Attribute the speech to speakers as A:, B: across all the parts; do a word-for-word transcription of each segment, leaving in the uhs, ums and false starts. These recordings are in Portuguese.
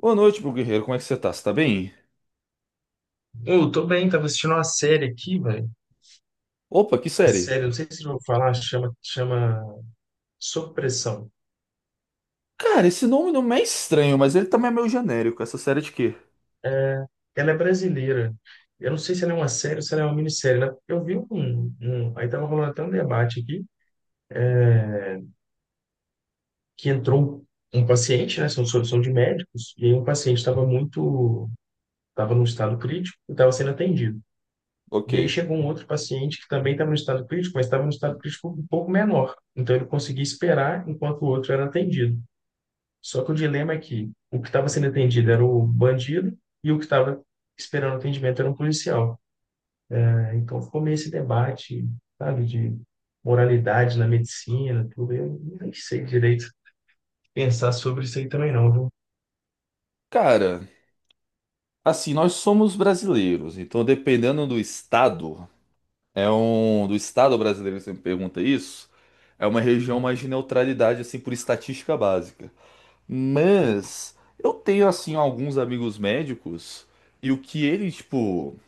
A: Boa noite, meu guerreiro. Como é que você tá? Você tá bem?
B: Ô, eu tô bem, tava assistindo uma série aqui, velho.
A: Opa, que
B: A
A: série?
B: série, eu não sei se eu vou falar, chama, chama Sob Pressão.
A: Cara, esse nome não é estranho, mas ele também é meio genérico. Essa série é de quê?
B: Ela é brasileira. Eu não sei se ela é uma série ou se ela é uma minissérie, né? Eu vi um, um- um, aí tava rolando até um debate aqui, que entrou um um paciente, né? São, são são de médicos, e aí um paciente estava muito... Estava num estado crítico e estava sendo atendido.
A: Ok.
B: E aí chegou um outro paciente que também estava no estado crítico, mas estava no estado crítico um pouco menor. Então ele conseguia esperar enquanto o outro era atendido. Só que o dilema é que o que estava sendo atendido era o bandido e o que estava esperando atendimento era um policial, né? Então ficou meio esse debate, sabe, de moralidade na medicina, tudo. Eu nem sei direito pensar sobre isso aí também não, viu?
A: Cara, assim, nós somos brasileiros, então dependendo do estado, é um do estado brasileiro você me pergunta isso, é uma região mais de neutralidade, assim, por estatística básica.
B: Sim.
A: Mas eu tenho, assim, alguns amigos médicos, e o que eles, tipo,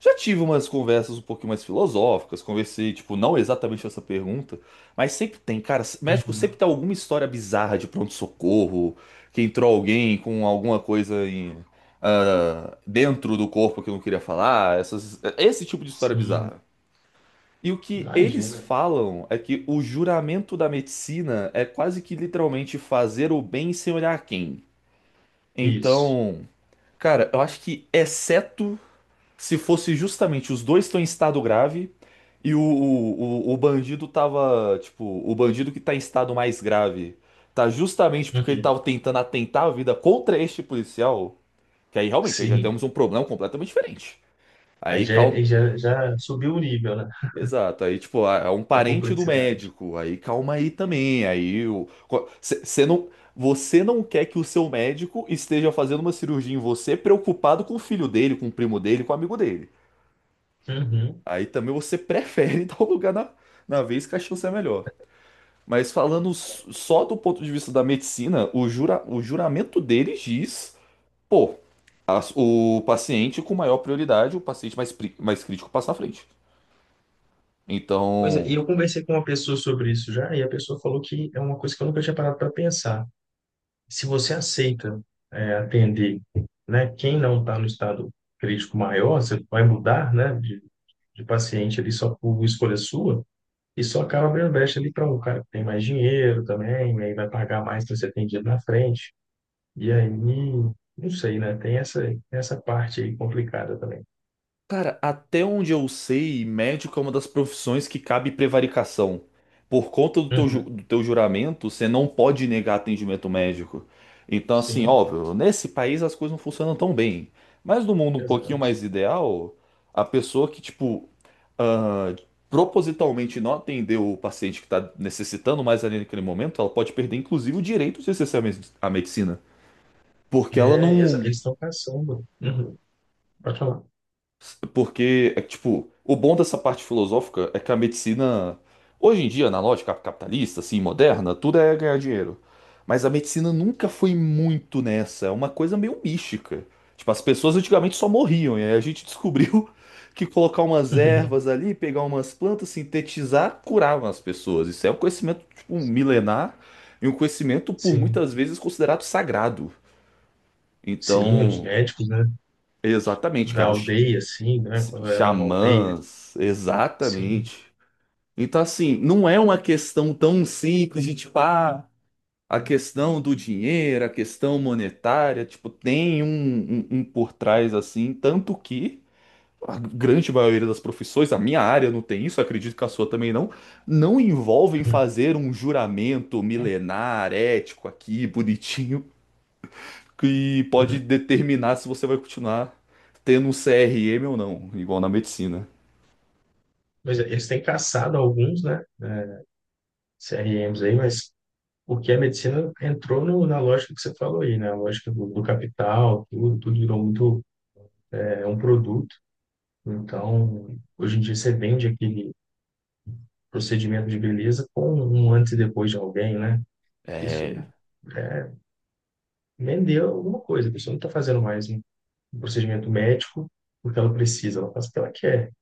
A: já tive umas conversas um pouquinho mais filosóficas, conversei, tipo, não exatamente essa pergunta, mas sempre tem, cara, México sempre
B: Uhum.
A: tem alguma história bizarra de pronto-socorro, que entrou alguém com alguma coisa em, ah, dentro do corpo que eu não queria falar, essas, esse tipo de história
B: Sim.
A: bizarra. E o que eles
B: Imagina.
A: falam é que o juramento da medicina é quase que literalmente fazer o bem sem olhar a quem.
B: Isso.
A: Então, cara, eu acho que exceto se fosse justamente os dois estão em estado grave e o, o, o, o bandido tava, tipo, o bandido que tá em estado mais grave tá justamente porque ele
B: Uhum.
A: tava tentando atentar a vida contra este policial, que aí realmente aí já temos
B: Sim.
A: um problema completamente diferente.
B: Aí
A: Aí
B: já,
A: calma.
B: aí já, já subiu o nível, né,
A: Exato, aí tipo, ah, é um
B: da
A: parente do
B: complexidade.
A: médico, aí calma aí também, aí o você não você não quer que o seu médico esteja fazendo uma cirurgia em você preocupado com o filho dele, com o primo dele, com o amigo dele.
B: Uhum.
A: Aí também você prefere dar o lugar na, na vez que a chance é melhor. Mas falando s- só do ponto de vista da medicina, o, jura, o juramento deles diz, pô, as- o paciente com maior prioridade, o paciente mais, pri- mais crítico passa na frente.
B: Pois é, e
A: Então,
B: eu conversei com uma pessoa sobre isso já, e a pessoa falou que é uma coisa que eu nunca tinha parado para pensar. Se você aceita, é, atender, né, quem não está no estado crítico maior, você vai mudar, né, de, de paciente ali só por escolha sua, e só acaba abrindo brecha ali para um cara que tem mais dinheiro também, e aí vai pagar mais para ser atendido na frente. E aí, não sei, né, tem essa, essa parte aí complicada também.
A: cara, até onde eu sei, médico é uma das profissões que cabe prevaricação. Por conta do teu, ju-
B: Uhum.
A: do teu juramento, você não pode negar atendimento médico. Então, assim,
B: Sim,
A: óbvio, nesse país as coisas não funcionam tão bem. Mas no mundo um pouquinho
B: exato.
A: mais ideal, a pessoa que, tipo, ah, propositalmente não atendeu o paciente que está necessitando mais ali naquele momento, ela pode perder, inclusive, o direito de acessar a me- a medicina. Porque ela
B: É, exa-
A: não.
B: eles estão caçando. Uhum. Pode falar.
A: Porque, é que, tipo, o bom dessa parte filosófica é que a medicina, hoje em dia, na lógica capitalista, assim, moderna, tudo é ganhar dinheiro. Mas a medicina nunca foi muito nessa, é uma coisa meio mística. Tipo, as pessoas antigamente só morriam, e aí a gente descobriu que colocar umas ervas ali, pegar umas plantas, sintetizar, curavam as pessoas. Isso é um conhecimento, tipo, um milenar e um conhecimento, por
B: Sim,
A: muitas vezes, considerado sagrado.
B: sim, os
A: Então,
B: médicos, né,
A: exatamente,
B: da
A: cara
B: aldeia, assim, né,
A: s-
B: quando era uma aldeia.
A: xamãs,
B: Sim.
A: exatamente. Então, assim, não é uma questão tão simples de tipo, ah, a questão do dinheiro, a questão monetária, tipo, tem um, um, um por trás assim, tanto que a grande maioria das profissões, a minha área não tem isso, acredito que a sua também não, não envolvem
B: Uhum,
A: fazer um juramento milenar, ético aqui, bonitinho, que pode
B: uhum.
A: determinar se você vai continuar tendo um C R M ou não, igual na medicina.
B: Mas eles têm caçado alguns, né? C R Ms aí, mas porque a medicina entrou no, na lógica que você falou aí, né? A lógica do, do capital, tudo, tudo virou muito, é um produto. Então, hoje em dia você vende aquele procedimento de beleza com um antes e depois de alguém, né?
A: É.
B: Isso é, vendeu alguma coisa. A pessoa não está fazendo mais um procedimento médico porque ela precisa, ela faz o que ela quer.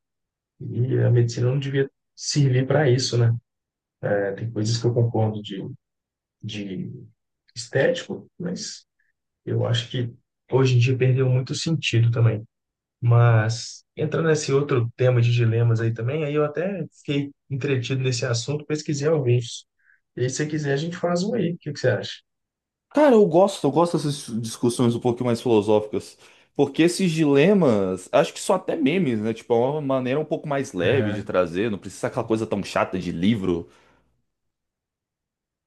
B: E a medicina não devia servir para isso, né? É, tem coisas que eu concordo de de estético, mas eu acho que hoje em dia perdeu muito sentido também. Mas entrando nesse outro tema de dilemas aí também, aí eu até fiquei entretido nesse assunto, pesquisei alguns. E aí, se você quiser, a gente faz um aí. O que que você acha?
A: Cara, eu gosto, eu gosto dessas discussões um pouquinho mais filosóficas, porque esses dilemas, acho que são até memes, né? Tipo, é uma maneira um pouco mais leve de
B: É,
A: trazer, não precisa ser aquela coisa tão chata de livro.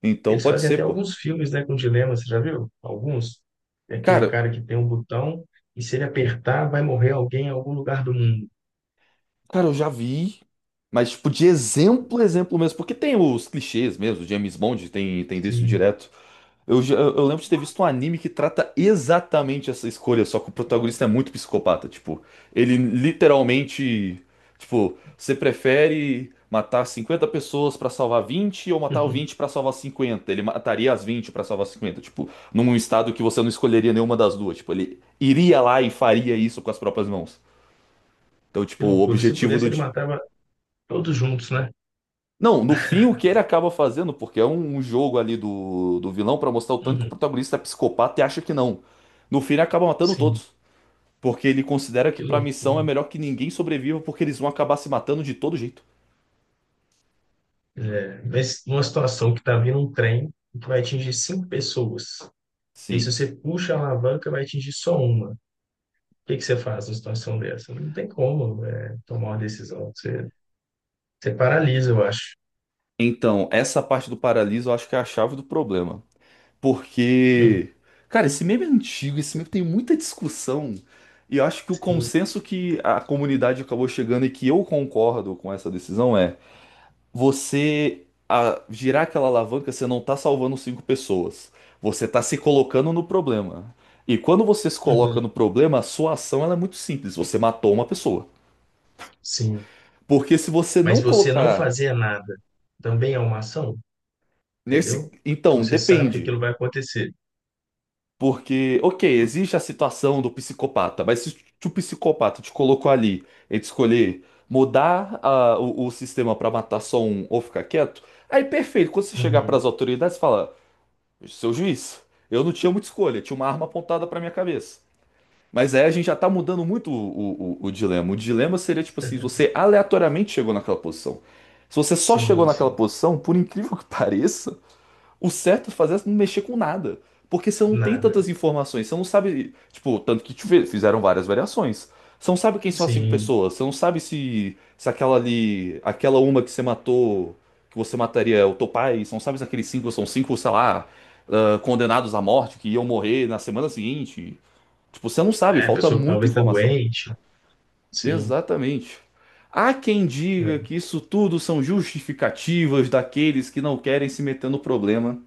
A: Então
B: eles
A: pode
B: fazem
A: ser,
B: até
A: pô.
B: alguns filmes, né, com dilemas, você já viu? Alguns. É aquele
A: Cara,
B: cara que tem um botão e se ele apertar, vai morrer alguém em algum lugar do mundo.
A: cara, eu já vi, mas tipo, de exemplo, exemplo mesmo, porque tem os clichês mesmo, James Bond tem, tem disso
B: Sim.
A: direto. Eu, já- eu lembro de ter visto um anime que trata exatamente essa escolha, só que o protagonista é muito psicopata. Tipo, ele literalmente. Tipo, você prefere matar cinquenta pessoas pra salvar vinte ou matar o vinte pra salvar cinquenta? Ele mataria as vinte pra salvar cinquenta. Tipo, num estado que você não escolheria nenhuma das duas. Tipo, ele iria lá e faria isso com as próprias mãos. Então,
B: Que
A: tipo, o
B: loucura. Se
A: objetivo do...
B: pudesse, ele matava todos juntos, né?
A: Não, no fim, o que ele acaba fazendo, porque é um, um jogo ali do, do vilão pra mostrar o tanto que o
B: Uhum.
A: protagonista é psicopata e acha que não. No fim, ele acaba matando
B: Sim.
A: todos, porque ele considera que
B: Que
A: pra missão
B: loucura.
A: é melhor que ninguém sobreviva, porque eles vão acabar se matando de todo jeito.
B: É, mas numa situação que está vindo um trem que vai atingir cinco pessoas, e se
A: Sim.
B: você puxa a alavanca, vai atingir só uma. O que que você faz numa situação dessa? Não tem como, é, tomar uma decisão. Você, você paralisa, eu acho.
A: Então, essa parte do paraliso eu acho que é a chave do problema.
B: Uhum.
A: Porque, cara, esse meme é antigo, esse meme tem muita discussão. E eu acho que o
B: Sim.
A: consenso que a comunidade acabou chegando e que eu concordo com essa decisão é: você a girar aquela alavanca, você não tá salvando cinco pessoas. Você tá se colocando no problema. E quando você se coloca
B: Uhum.
A: no problema, a sua ação ela é muito simples. Você matou uma pessoa.
B: Sim.
A: Porque se você
B: Mas
A: não
B: você não
A: colocar
B: fazer nada também é uma ação,
A: nesse.
B: entendeu?
A: Então,
B: Você sabe que
A: depende.
B: aquilo vai acontecer.
A: Porque, ok, existe a situação do psicopata, mas se o psicopata te colocou ali entre escolher mudar a- o, o sistema pra matar só um ou ficar quieto, aí perfeito. Quando você chegar pras
B: Uhum.
A: autoridades, fala. Seu juiz. Eu não tinha muita escolha, tinha uma arma apontada pra minha cabeça. Mas aí a gente já tá mudando muito o, o, o- o dilema. O dilema seria tipo assim: você aleatoriamente chegou naquela posição. Se você só chegou
B: Sim,
A: naquela
B: sim.
A: posição, por incrível que pareça, o certo a fazer é não mexer com nada. Porque você não tem
B: Nada.
A: tantas informações, você não sabe. Tipo, tanto que tive- fizeram várias variações. Você não sabe quem são as cinco
B: Sim.
A: pessoas, você não sabe se, se aquela ali. Aquela uma que você matou, que você mataria é o teu pai, você não sabe se aqueles cinco são cinco, sei lá, ah, condenados à morte que iam morrer na semana seguinte. Tipo, você não sabe,
B: É, a
A: falta
B: pessoa
A: muita
B: talvez está
A: informação.
B: doente. Sim.
A: Exatamente. Há quem diga
B: É.
A: que isso tudo são justificativas daqueles que não querem se meter no problema.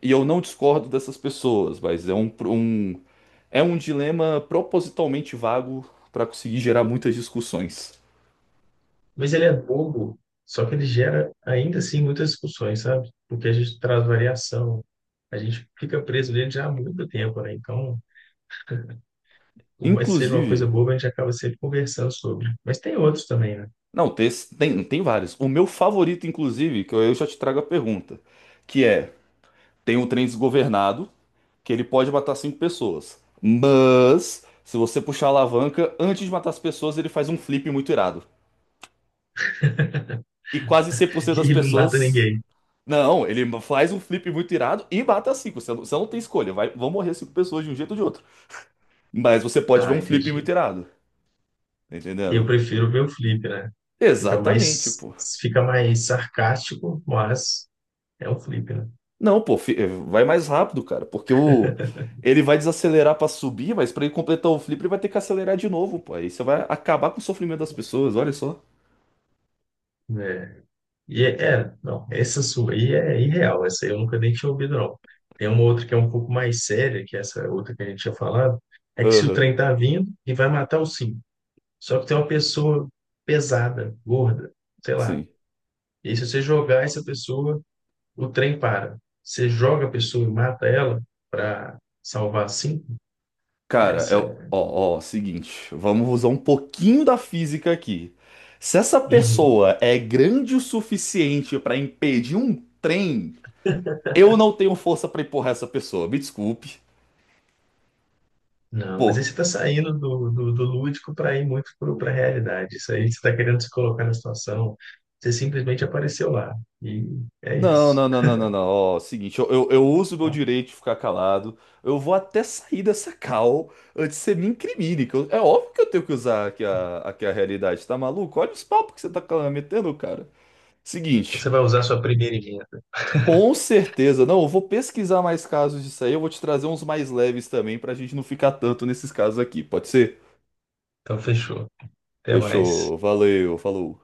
A: E eu não discordo dessas pessoas, mas é um, um- é um dilema propositalmente vago para conseguir gerar muitas discussões.
B: Mas ele é bobo, só que ele gera ainda assim muitas discussões, sabe? Porque a gente traz variação, a gente fica preso nele já há muito tempo, né? Então, por mais que seja uma coisa
A: Inclusive,
B: boba, a gente acaba sempre conversando sobre. Mas tem outros também, né?
A: não, tem, tem, tem vários. O meu favorito, inclusive, que eu, eu já te trago a pergunta, que é: tem um trem desgovernado, que ele pode matar cinco pessoas, mas se você puxar a alavanca, antes de matar as pessoas, ele faz um flip muito irado. E quase cem por cento
B: E
A: das
B: ele não mata
A: pessoas...
B: ninguém.
A: Não, ele faz um flip muito irado e mata cinco. Você não, você não tem escolha. Vai, vão morrer cinco pessoas de um jeito ou de outro. Mas você pode ver
B: Ah,
A: um flip muito
B: entendi.
A: irado. Tá
B: Eu
A: entendendo?
B: prefiro ver o flip, né? Fica
A: Exatamente,
B: mais,
A: pô.
B: fica mais sarcástico, mas é um flip, né?
A: Não, pô, fi- eh, vai mais rápido, cara. Porque o. Ele vai desacelerar pra subir, mas pra ele completar o flip, ele vai ter que acelerar de novo, pô. Aí você vai acabar com o sofrimento das pessoas, olha só.
B: É. E é, é, não, essa sua aí é irreal, essa aí eu nunca nem tinha ouvido, não. Tem uma outra que é um pouco mais séria, que é essa outra que a gente tinha falado, é que se o
A: Aham,
B: trem tá vindo e vai matar o sim. Só que tem uma pessoa pesada, gorda, sei lá.
A: sim.
B: E aí, se você jogar essa pessoa, o trem para. Você joga a pessoa e mata ela para salvar a sim?
A: Cara,
B: Essa
A: eu,
B: é.
A: ó, ó, seguinte, vamos usar um pouquinho da física aqui. Se essa
B: Uhum.
A: pessoa é grande o suficiente pra impedir um trem, eu não tenho força pra empurrar essa pessoa. Me desculpe.
B: Não, mas
A: Pô,
B: aí você está saindo do, do, do lúdico para ir muito para a realidade. Isso aí você está querendo se colocar na situação, você simplesmente apareceu lá. E é
A: não,
B: isso.
A: não, não, não, não, não. Ó, seguinte, eu, eu, eu uso meu direito de ficar calado. Eu vou até sair dessa cal antes que você me incrimine. Que eu- é óbvio que eu tenho que usar aqui a, aqui a realidade, tá maluco? Olha os papos que você tá metendo, cara.
B: Você
A: Seguinte.
B: vai usar sua primeira emenda.
A: Com certeza. Não, eu vou pesquisar mais casos disso aí. Eu vou te trazer uns mais leves também, pra gente não ficar tanto nesses casos aqui. Pode ser?
B: Então, fechou. Até mais.
A: Fechou. Valeu. Falou.